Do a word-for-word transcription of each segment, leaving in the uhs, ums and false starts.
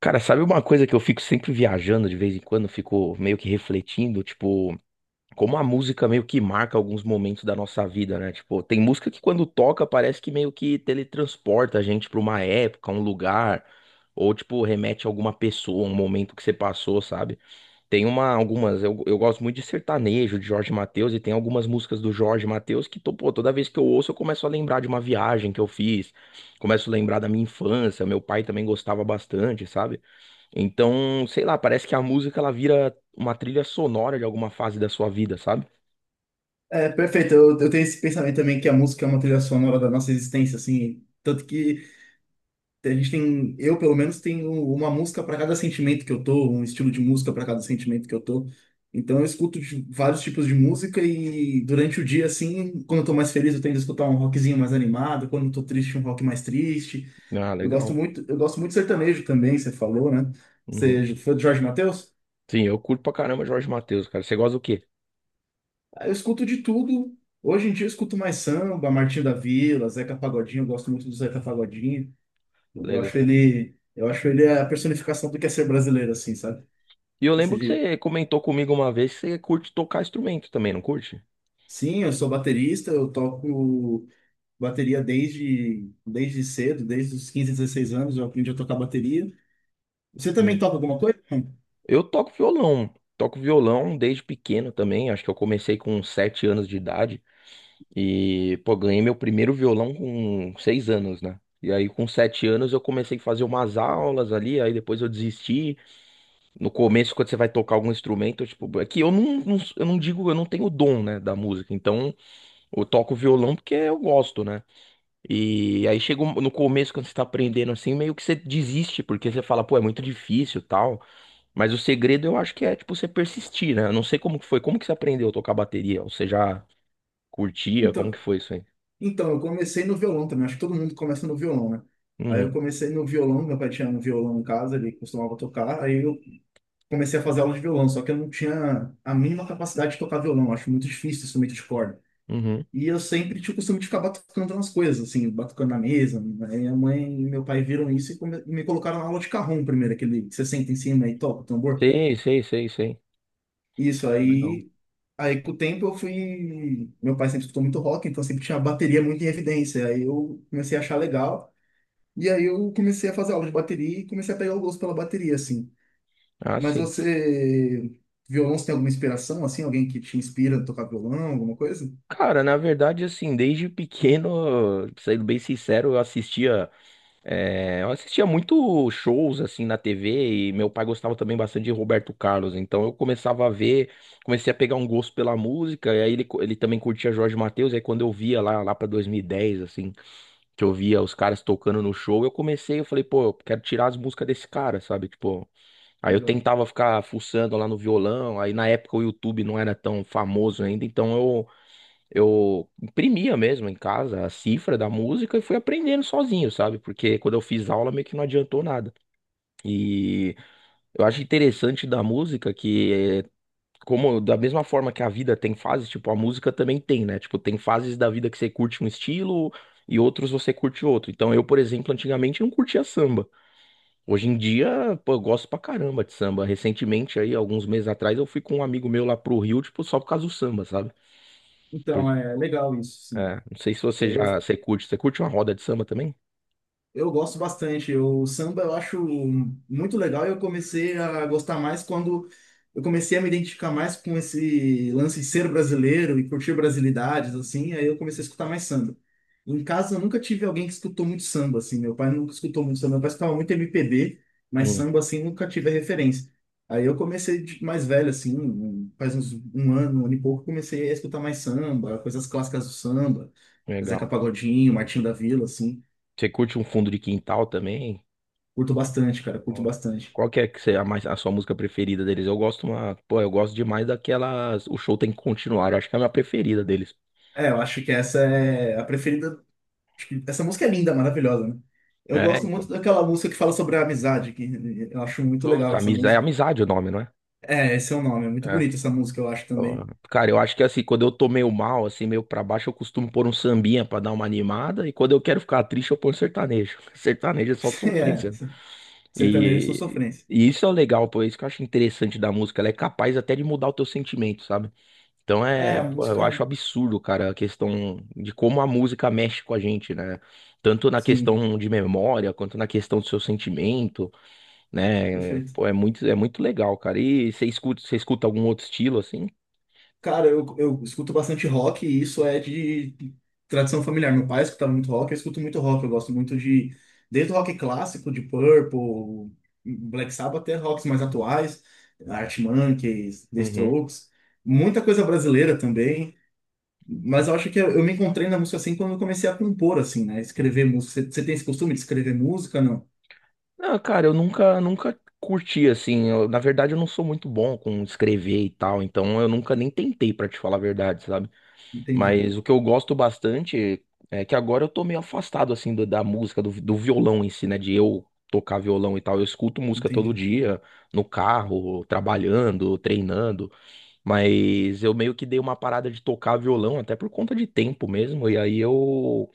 Cara, sabe uma coisa que eu fico sempre viajando de vez em quando, eu fico meio que refletindo, tipo, como a música meio que marca alguns momentos da nossa vida, né? Tipo, tem música que quando toca parece que meio que teletransporta a gente pra uma época, um lugar, ou tipo, remete a alguma pessoa, um momento que você passou, sabe? Tem uma, algumas, eu, eu gosto muito de sertanejo, de Jorge Mateus, e tem algumas músicas do Jorge Mateus que, to- pô, toda vez que eu ouço eu começo a lembrar de uma viagem que eu fiz, começo a lembrar da minha infância, meu pai também gostava bastante, sabe? Então, sei lá, parece que a música ela vira uma trilha sonora de alguma fase da sua vida, sabe? É, perfeito. Eu, eu tenho esse pensamento também que a música é uma trilha sonora da nossa existência, assim. Tanto que a gente tem, eu pelo menos tenho uma música para cada sentimento que eu tô, um estilo de música para cada sentimento que eu tô. Então eu escuto de- vários tipos de música e durante o dia, assim, quando eu tô mais feliz, eu tento escutar um rockzinho mais animado, quando eu tô triste, um rock mais triste. Ah, Eu gosto legal. muito, eu gosto muito de sertanejo também, você falou, né? Uhum. Você foi do Jorge Mateus? Sim, eu curto pra caramba Jorge Mateus, cara. Você gosta do quê? Aí eu escuto de tudo. Hoje em dia eu escuto mais samba, Martinho da Vila, Zeca Pagodinho, eu gosto muito do Zeca Pagodinho. Eu Legal. acho ele, eu acho ele a personificação do que é ser brasileiro, assim, sabe? E eu Desse lembro que jeito. você comentou comigo uma vez que você curte tocar instrumento também, não curte? Sim, eu sou baterista, eu toco bateria desde, desde cedo, desde os quinze dezesseis anos, eu aprendi a tocar bateria. Você também Hum. toca alguma coisa? Eu toco violão. Toco violão desde pequeno também. Acho que eu comecei com uns sete anos de idade. E, pô, ganhei meu primeiro violão com seis anos, né? E aí, com sete anos, eu comecei a fazer umas aulas ali. Aí depois eu desisti. No começo, quando você vai tocar algum instrumento, tipo, é que eu não, não- eu não digo, eu não tenho dom, né, da música. Então, eu toco violão porque eu gosto, né? E aí chega um- no começo, quando você tá aprendendo assim, meio que você desiste, porque você fala, pô, é muito difícil, tal. Mas o segredo eu acho que é, tipo, você persistir, né? Eu não sei como que foi, como que você aprendeu a tocar bateria? Ou você já curtia? Como Então, que foi isso aí? então, eu comecei no violão também, acho que todo mundo começa no violão, né? Aí eu Uhum, comecei no violão, meu pai tinha um violão em casa, ele costumava tocar, aí eu comecei a fazer aula de violão, só que eu não tinha a mínima capacidade de tocar violão, eu acho muito difícil instrumento de corda. uhum. E eu sempre tinha o costume de ficar batucando nas coisas, assim, batucando na mesa. Aí minha mãe e meu pai viram isso e come- e me colocaram na aula de cajón primeiro, aquele que você senta em cima e toca o tambor. Sei, sei, sei, sei. Isso, Legal. aí, aí com o tempo eu fui. Meu pai sempre escutou muito rock, então sempre tinha a bateria muito em evidência. Aí eu comecei a achar legal. E aí eu comecei a fazer aula de bateria e comecei a pegar o gosto pela bateria, assim. Ah, Mas sim. você, violão, você tem alguma inspiração, assim? Alguém que te inspira a tocar violão, alguma coisa? Cara, na verdade, assim, desde pequeno, sendo bem sincero, eu assistia. É, eu assistia muito shows assim na T V e meu pai gostava também bastante de Roberto Carlos, então eu começava a ver, comecei a pegar um gosto pela música, e aí ele, co- ele também curtia Jorge Mateus, e aí quando eu via lá, lá para dois mil e dez assim, que eu via os caras tocando no show, eu comecei, eu falei, pô, eu quero tirar as músicas desse cara, sabe? Tipo, aí eu Legal. tentava ficar fuçando lá no violão, aí na época o YouTube não era tão famoso ainda, então eu imprimia mesmo em casa a cifra da música e fui aprendendo sozinho, sabe? Porque quando eu fiz aula meio que não adiantou nada. E eu acho interessante da música que é como da mesma forma que a vida tem fases, tipo, a música também tem, né? Tipo, tem fases da vida que você curte um estilo e outros você curte outro. Então, eu, por exemplo, antigamente não curtia samba. Hoje em dia, pô, eu gosto pra caramba de samba. Recentemente aí, alguns meses atrás, eu fui com um amigo meu lá pro Rio, tipo, só por causa do samba, sabe? Então, é legal isso, sim. É, não sei se você Eu, já, você curte, você curte uma roda de samba também? Eu gosto bastante. Eu- O samba eu acho muito legal e eu comecei a gostar mais quando eu comecei a me identificar mais com esse lance de ser brasileiro e curtir brasilidades, assim, aí eu comecei a escutar mais samba. Em casa eu nunca tive alguém que escutou muito samba, assim. Meu pai nunca escutou muito samba, meu pai escutava muito M P B, mas Hum, samba, assim, nunca tive a referência. Aí eu comecei de- mais velho, assim, um- faz uns um ano, um ano e pouco, comecei a escutar mais samba, coisas clássicas do samba, Zeca legal. Pagodinho, Martinho da Vila, assim. Você curte um fundo de quintal também? Curto bastante, cara, curto Ó, bastante. qual que é que você, a, mais, a sua música preferida deles? Eu gosto uma, pô, eu gosto demais daquelas, o show tem que continuar, eu acho que é a minha preferida deles. É, eu acho que essa é a preferida. acho que Essa música é linda, maravilhosa, né? Eu É, gosto então. muito daquela música que fala sobre a amizade, que eu acho muito legal Puta, essa amizade, é música. amizade o nome, não é? É, esse é o nome, é muito É. bonita essa música, eu acho Ó, também. cara, eu acho que assim, quando eu tô meio mal, assim, meio pra baixo, eu costumo pôr um sambinha pra dar uma animada, e quando eu quero ficar triste, eu ponho sertanejo. Sertanejo é só É, sofrência. sertanejo é só E, sofrência. e isso é o legal, pô, é isso que eu acho interessante da música, ela é capaz até de mudar o teu sentimento, sabe? Então É, é, a pô, eu acho música, absurdo, cara, a questão de como a música mexe com a gente, né? Tanto na sim, questão de memória, quanto na questão do seu sentimento, né? perfeito. Pô, é muito, é muito legal, cara. E você escuta, você escuta, algum outro estilo, assim? Cara, eu, eu escuto bastante rock e isso é de tradição familiar. Meu pai escutava muito rock, eu escuto muito rock. Eu gosto muito de, desde o rock clássico, de Purple, Black Sabbath, até rocks mais atuais, Arctic Monkeys, The Uhum. Strokes, muita coisa brasileira também. Mas eu acho que eu, eu me encontrei na música assim quando eu comecei a compor, assim, né? Escrever música. Você você tem esse costume de escrever música? Não. Não, cara, eu nunca, nunca curti, assim. eu- na verdade, eu não sou muito bom com escrever e tal, então eu nunca nem tentei, pra te falar a verdade, sabe? Entendi, Mas o que eu gosto bastante é que agora eu tô meio afastado, assim, do- da música, do, do violão em si, né? De eu tocar violão e tal. Eu escuto música todo entendi, dia, no carro, trabalhando, treinando. Mas eu meio que dei uma parada de tocar violão, até por conta de tempo mesmo. E aí eu,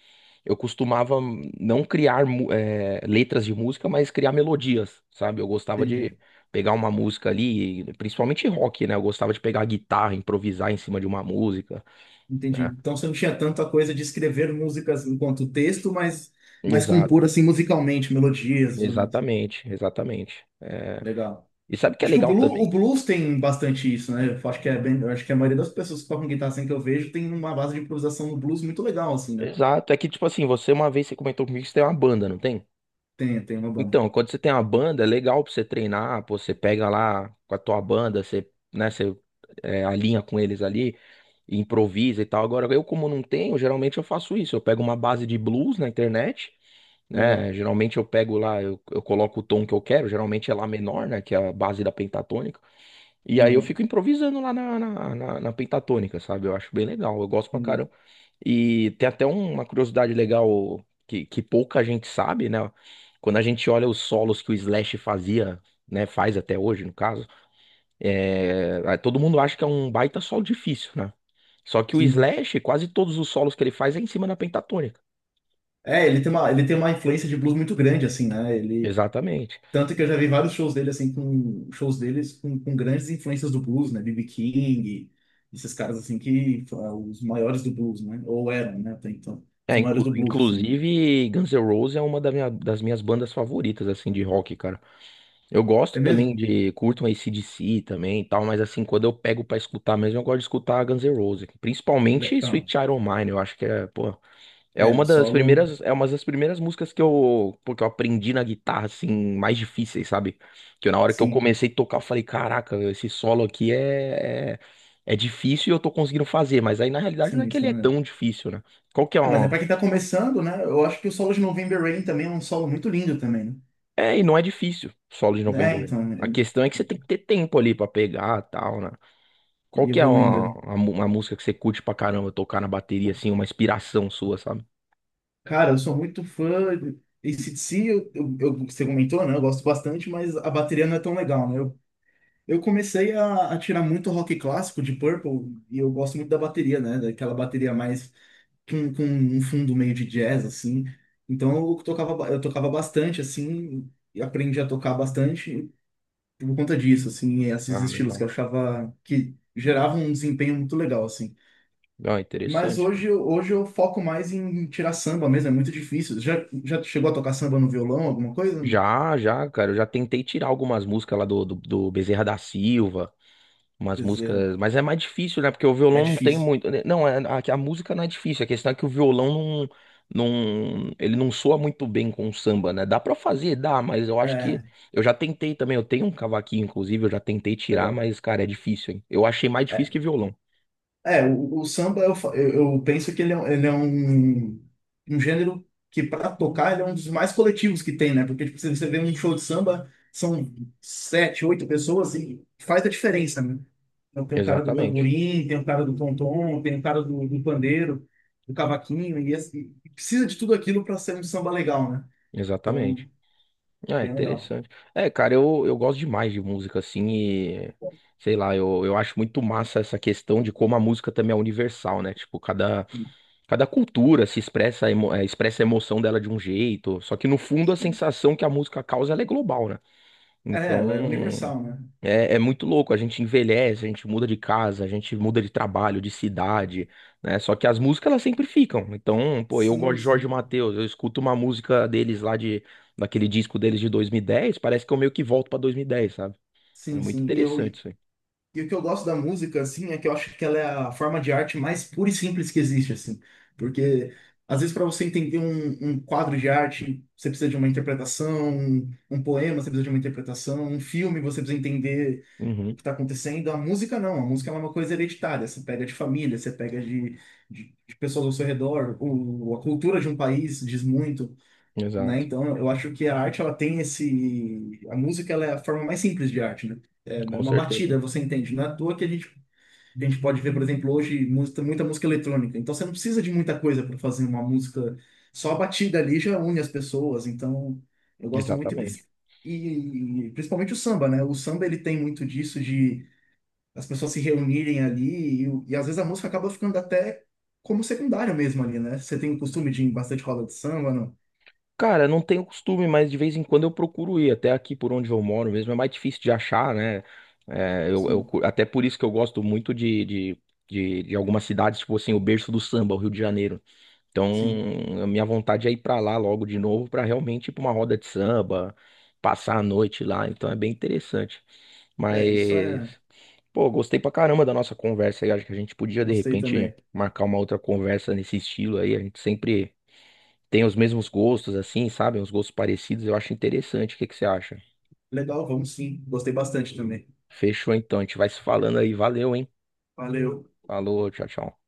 eu costumava não criar, mu- eh, letras de música, mas criar melodias, sabe? Eu gostava de. entendi. Pegar uma música ali, principalmente rock, né? Eu gostava de pegar a guitarra, improvisar em cima de uma música. Entendi. Né? Então você não tinha tanta coisa de escrever músicas enquanto texto, mas, mas Exato, compor assim musicalmente, melodias, e tudo mais. exatamente, exatamente. É, Legal. e sabe o que é Acho que o legal blues, o também? blues tem bastante isso, né? Eu acho que é bem, eu acho que a maioria das pessoas que tocam guitarra assim que eu vejo tem uma base de improvisação no blues muito legal, assim, né? Exato, é que tipo assim, você uma vez você comentou comigo que você tem uma banda, não tem? Tem, tem uma banda. Então, quando você tem uma banda, é legal pra você treinar, pô, você pega lá com a tua banda, você, né, você é, alinha com eles ali, e improvisa e tal. Agora, eu como não tenho, geralmente eu faço isso, eu pego uma base de blues na internet, Legal. né, geralmente eu pego lá, eu, eu coloco o tom que eu quero, geralmente é lá menor, né, que é a base da pentatônica. E aí eu Aham. fico improvisando lá na, na, na- na pentatônica, sabe? Eu acho bem legal, eu gosto pra Entendi. caramba. E tem até uma curiosidade legal que, que pouca gente sabe, né? Quando a gente olha os solos que o Slash fazia, né? Faz até hoje, no caso, é, todo mundo acha que é um baita solo difícil, né? Só que o Sim. Slash, quase todos os solos que ele faz é em cima da pentatônica. É, ele tem uma, ele tem uma influência de blues muito grande, assim, né? Ele, Exatamente. Tanto que eu já vi vários shows dele, assim, com shows deles com, com grandes influências do blues, né? B B. King, esses caras, assim, que foram os maiores do blues, né? Ou eram, né? Até então, os É, maiores do inclu- blues, assim. inclusive, Guns N' Roses é uma da minha- das minhas bandas favoritas, assim, de rock, cara. Eu gosto É também mesmo? de, curto um D C também e tal, mas assim, quando eu pego pra escutar mesmo, eu gosto de escutar Guns N' Roses, Le- principalmente Sweet Então, Child O' Mine, eu acho que é, pô, é é, uma o das solo, primeiras, é uma das primeiras músicas que eu, porque eu aprendi na guitarra, assim, mais difíceis, sabe? Que eu, na hora que eu sim, comecei a tocar, eu falei, caraca, esse solo aqui é, é, é difícil e eu tô conseguindo fazer, mas aí na realidade não é sim, que ele isso, é né? tão difícil, né? Qual que é Ah, mas é pra uma... quem tá começando, né? Eu acho que o solo de November Rain também é um solo muito lindo também, É, e não é difícil, solo de né? November É, Rain. então, A ele questão é que você tem que ter tempo ali pra pegar, tal, né? Qual ele que é evoluindo uma, ali. uma, mu- uma música que você curte pra caramba tocar na bateria, assim, uma inspiração sua, sabe? Cara, eu sou muito fã de A C/D C, eu, eu, eu- você comentou, né? Eu gosto bastante, mas a bateria não é tão legal, né? Eu Eu comecei a, a tirar muito rock clássico de Purple e eu gosto muito da bateria, né? Daquela bateria mais com, com um fundo meio de jazz, assim. Então eu tocava, ba- eu tocava bastante, assim, e aprendi a tocar bastante por conta disso, assim, esses Ah, estilos que legal. eu achava que geravam um desempenho muito legal, assim. Ah, Mas interessante, cara. hoje, eu- hoje eu foco mais em tirar samba mesmo, é muito difícil. Já, já chegou a tocar samba no violão, alguma coisa? Já, já, cara, eu já tentei tirar algumas músicas lá do, do, do Bezerra da Silva, umas Quer dizer, músicas, mas é mais difícil, né? Porque o é violão não tem difícil. muito. Né? Não, é- a, a música não é difícil, a questão é que o violão não, não. Ele não soa muito bem com o samba, né? Dá pra fazer, dá, mas eu acho que. É, Eu já tentei também, eu tenho um cavaquinho, inclusive, eu já tentei tirar, legal. mas, cara, é difícil, hein? Eu achei mais difícil que violão. É, o, o samba, eu, fa- eu eu penso que ele é, um, ele é um, um gênero que, para tocar, ele é um dos mais coletivos que tem, né? Porque, tipo, se você vê um show de samba, são sete, oito pessoas e faz a diferença, né? Então, tem o cara do Exatamente. tamborim, tem o cara do tom-tom, tem o cara do, do pandeiro, do cavaquinho, e, esse- e precisa de tudo aquilo para ser um samba legal, né? Exatamente. Então, Ah, bem legal. interessante. É, cara, eu, eu gosto demais de música, assim, e sei lá, eu, eu acho muito massa essa questão de como a música também é universal, né? Tipo, cada, Sim, cada cultura se expressa, emo- eh, expressa a emoção dela de um jeito, só que no fundo a sim. sensação que a música causa ela é global, né? É, Então, ela é universal, né? é, é muito louco, a gente envelhece, a gente muda de casa, a gente muda de trabalho, de cidade, né? Só que as músicas elas sempre ficam. Então, pô, eu gosto Sim, de Jorge sim. Mateus, eu escuto uma música deles lá de daquele disco deles de dois mil e dez. Parece que eu meio que volto pra dois mil e dez, sabe? Então é Sim, muito sim. E eu, interessante isso aí. E o que eu gosto da música, assim, é que eu acho que ela é a forma de arte mais pura e simples que existe, assim. Porque, às vezes, para você entender um, um quadro de arte, você precisa de uma interpretação, um, um poema, você precisa de uma interpretação, um filme, você precisa entender o Uhum, que está acontecendo. A música, não. A música ela é uma coisa hereditária. Você pega de família, você pega de, de, de pessoas ao seu redor. O, a cultura de um país diz muito, né? exato. Então, eu acho que a arte ela tem esse, a música ela é a forma mais simples de arte, né? É, né, Com uma certeza. batida, você entende? Não é à toa que a gente a gente pode ver, por exemplo, hoje muita, muita música eletrônica. Então, você não precisa de muita coisa para fazer uma música. Só a batida ali já une as pessoas. Então, eu gosto muito e, Exatamente. pris- e principalmente o samba, né? O samba ele tem muito disso de as pessoas se reunirem ali e, e às vezes a música acaba ficando até como secundária mesmo ali, né? Você tem o costume de ir em bastante roda de samba, não? Cara, não tenho costume, mas de vez em quando eu procuro ir até aqui por onde eu moro mesmo. É mais difícil de achar, né? É, eu, eu Sim, cu- até por isso que eu gosto muito de, de, de, de, algumas cidades, tipo assim, o berço do samba, o Rio de Janeiro. Então, sim. a minha vontade é ir pra lá logo de novo, pra realmente ir pra uma roda de samba, passar a noite lá. Então, é bem interessante. É, isso é. Mas, pô, gostei pra caramba da nossa conversa aí. Acho que a gente podia, de Gostei repente, também. marcar uma outra conversa nesse estilo aí. A gente sempre tem os mesmos gostos, assim, sabe? Uns gostos parecidos, eu acho interessante. O que que você acha? Legal, vamos sim. Gostei bastante também. Fechou então, a gente vai se falando aí. Valeu, hein? Valeu. Falou, tchau, tchau.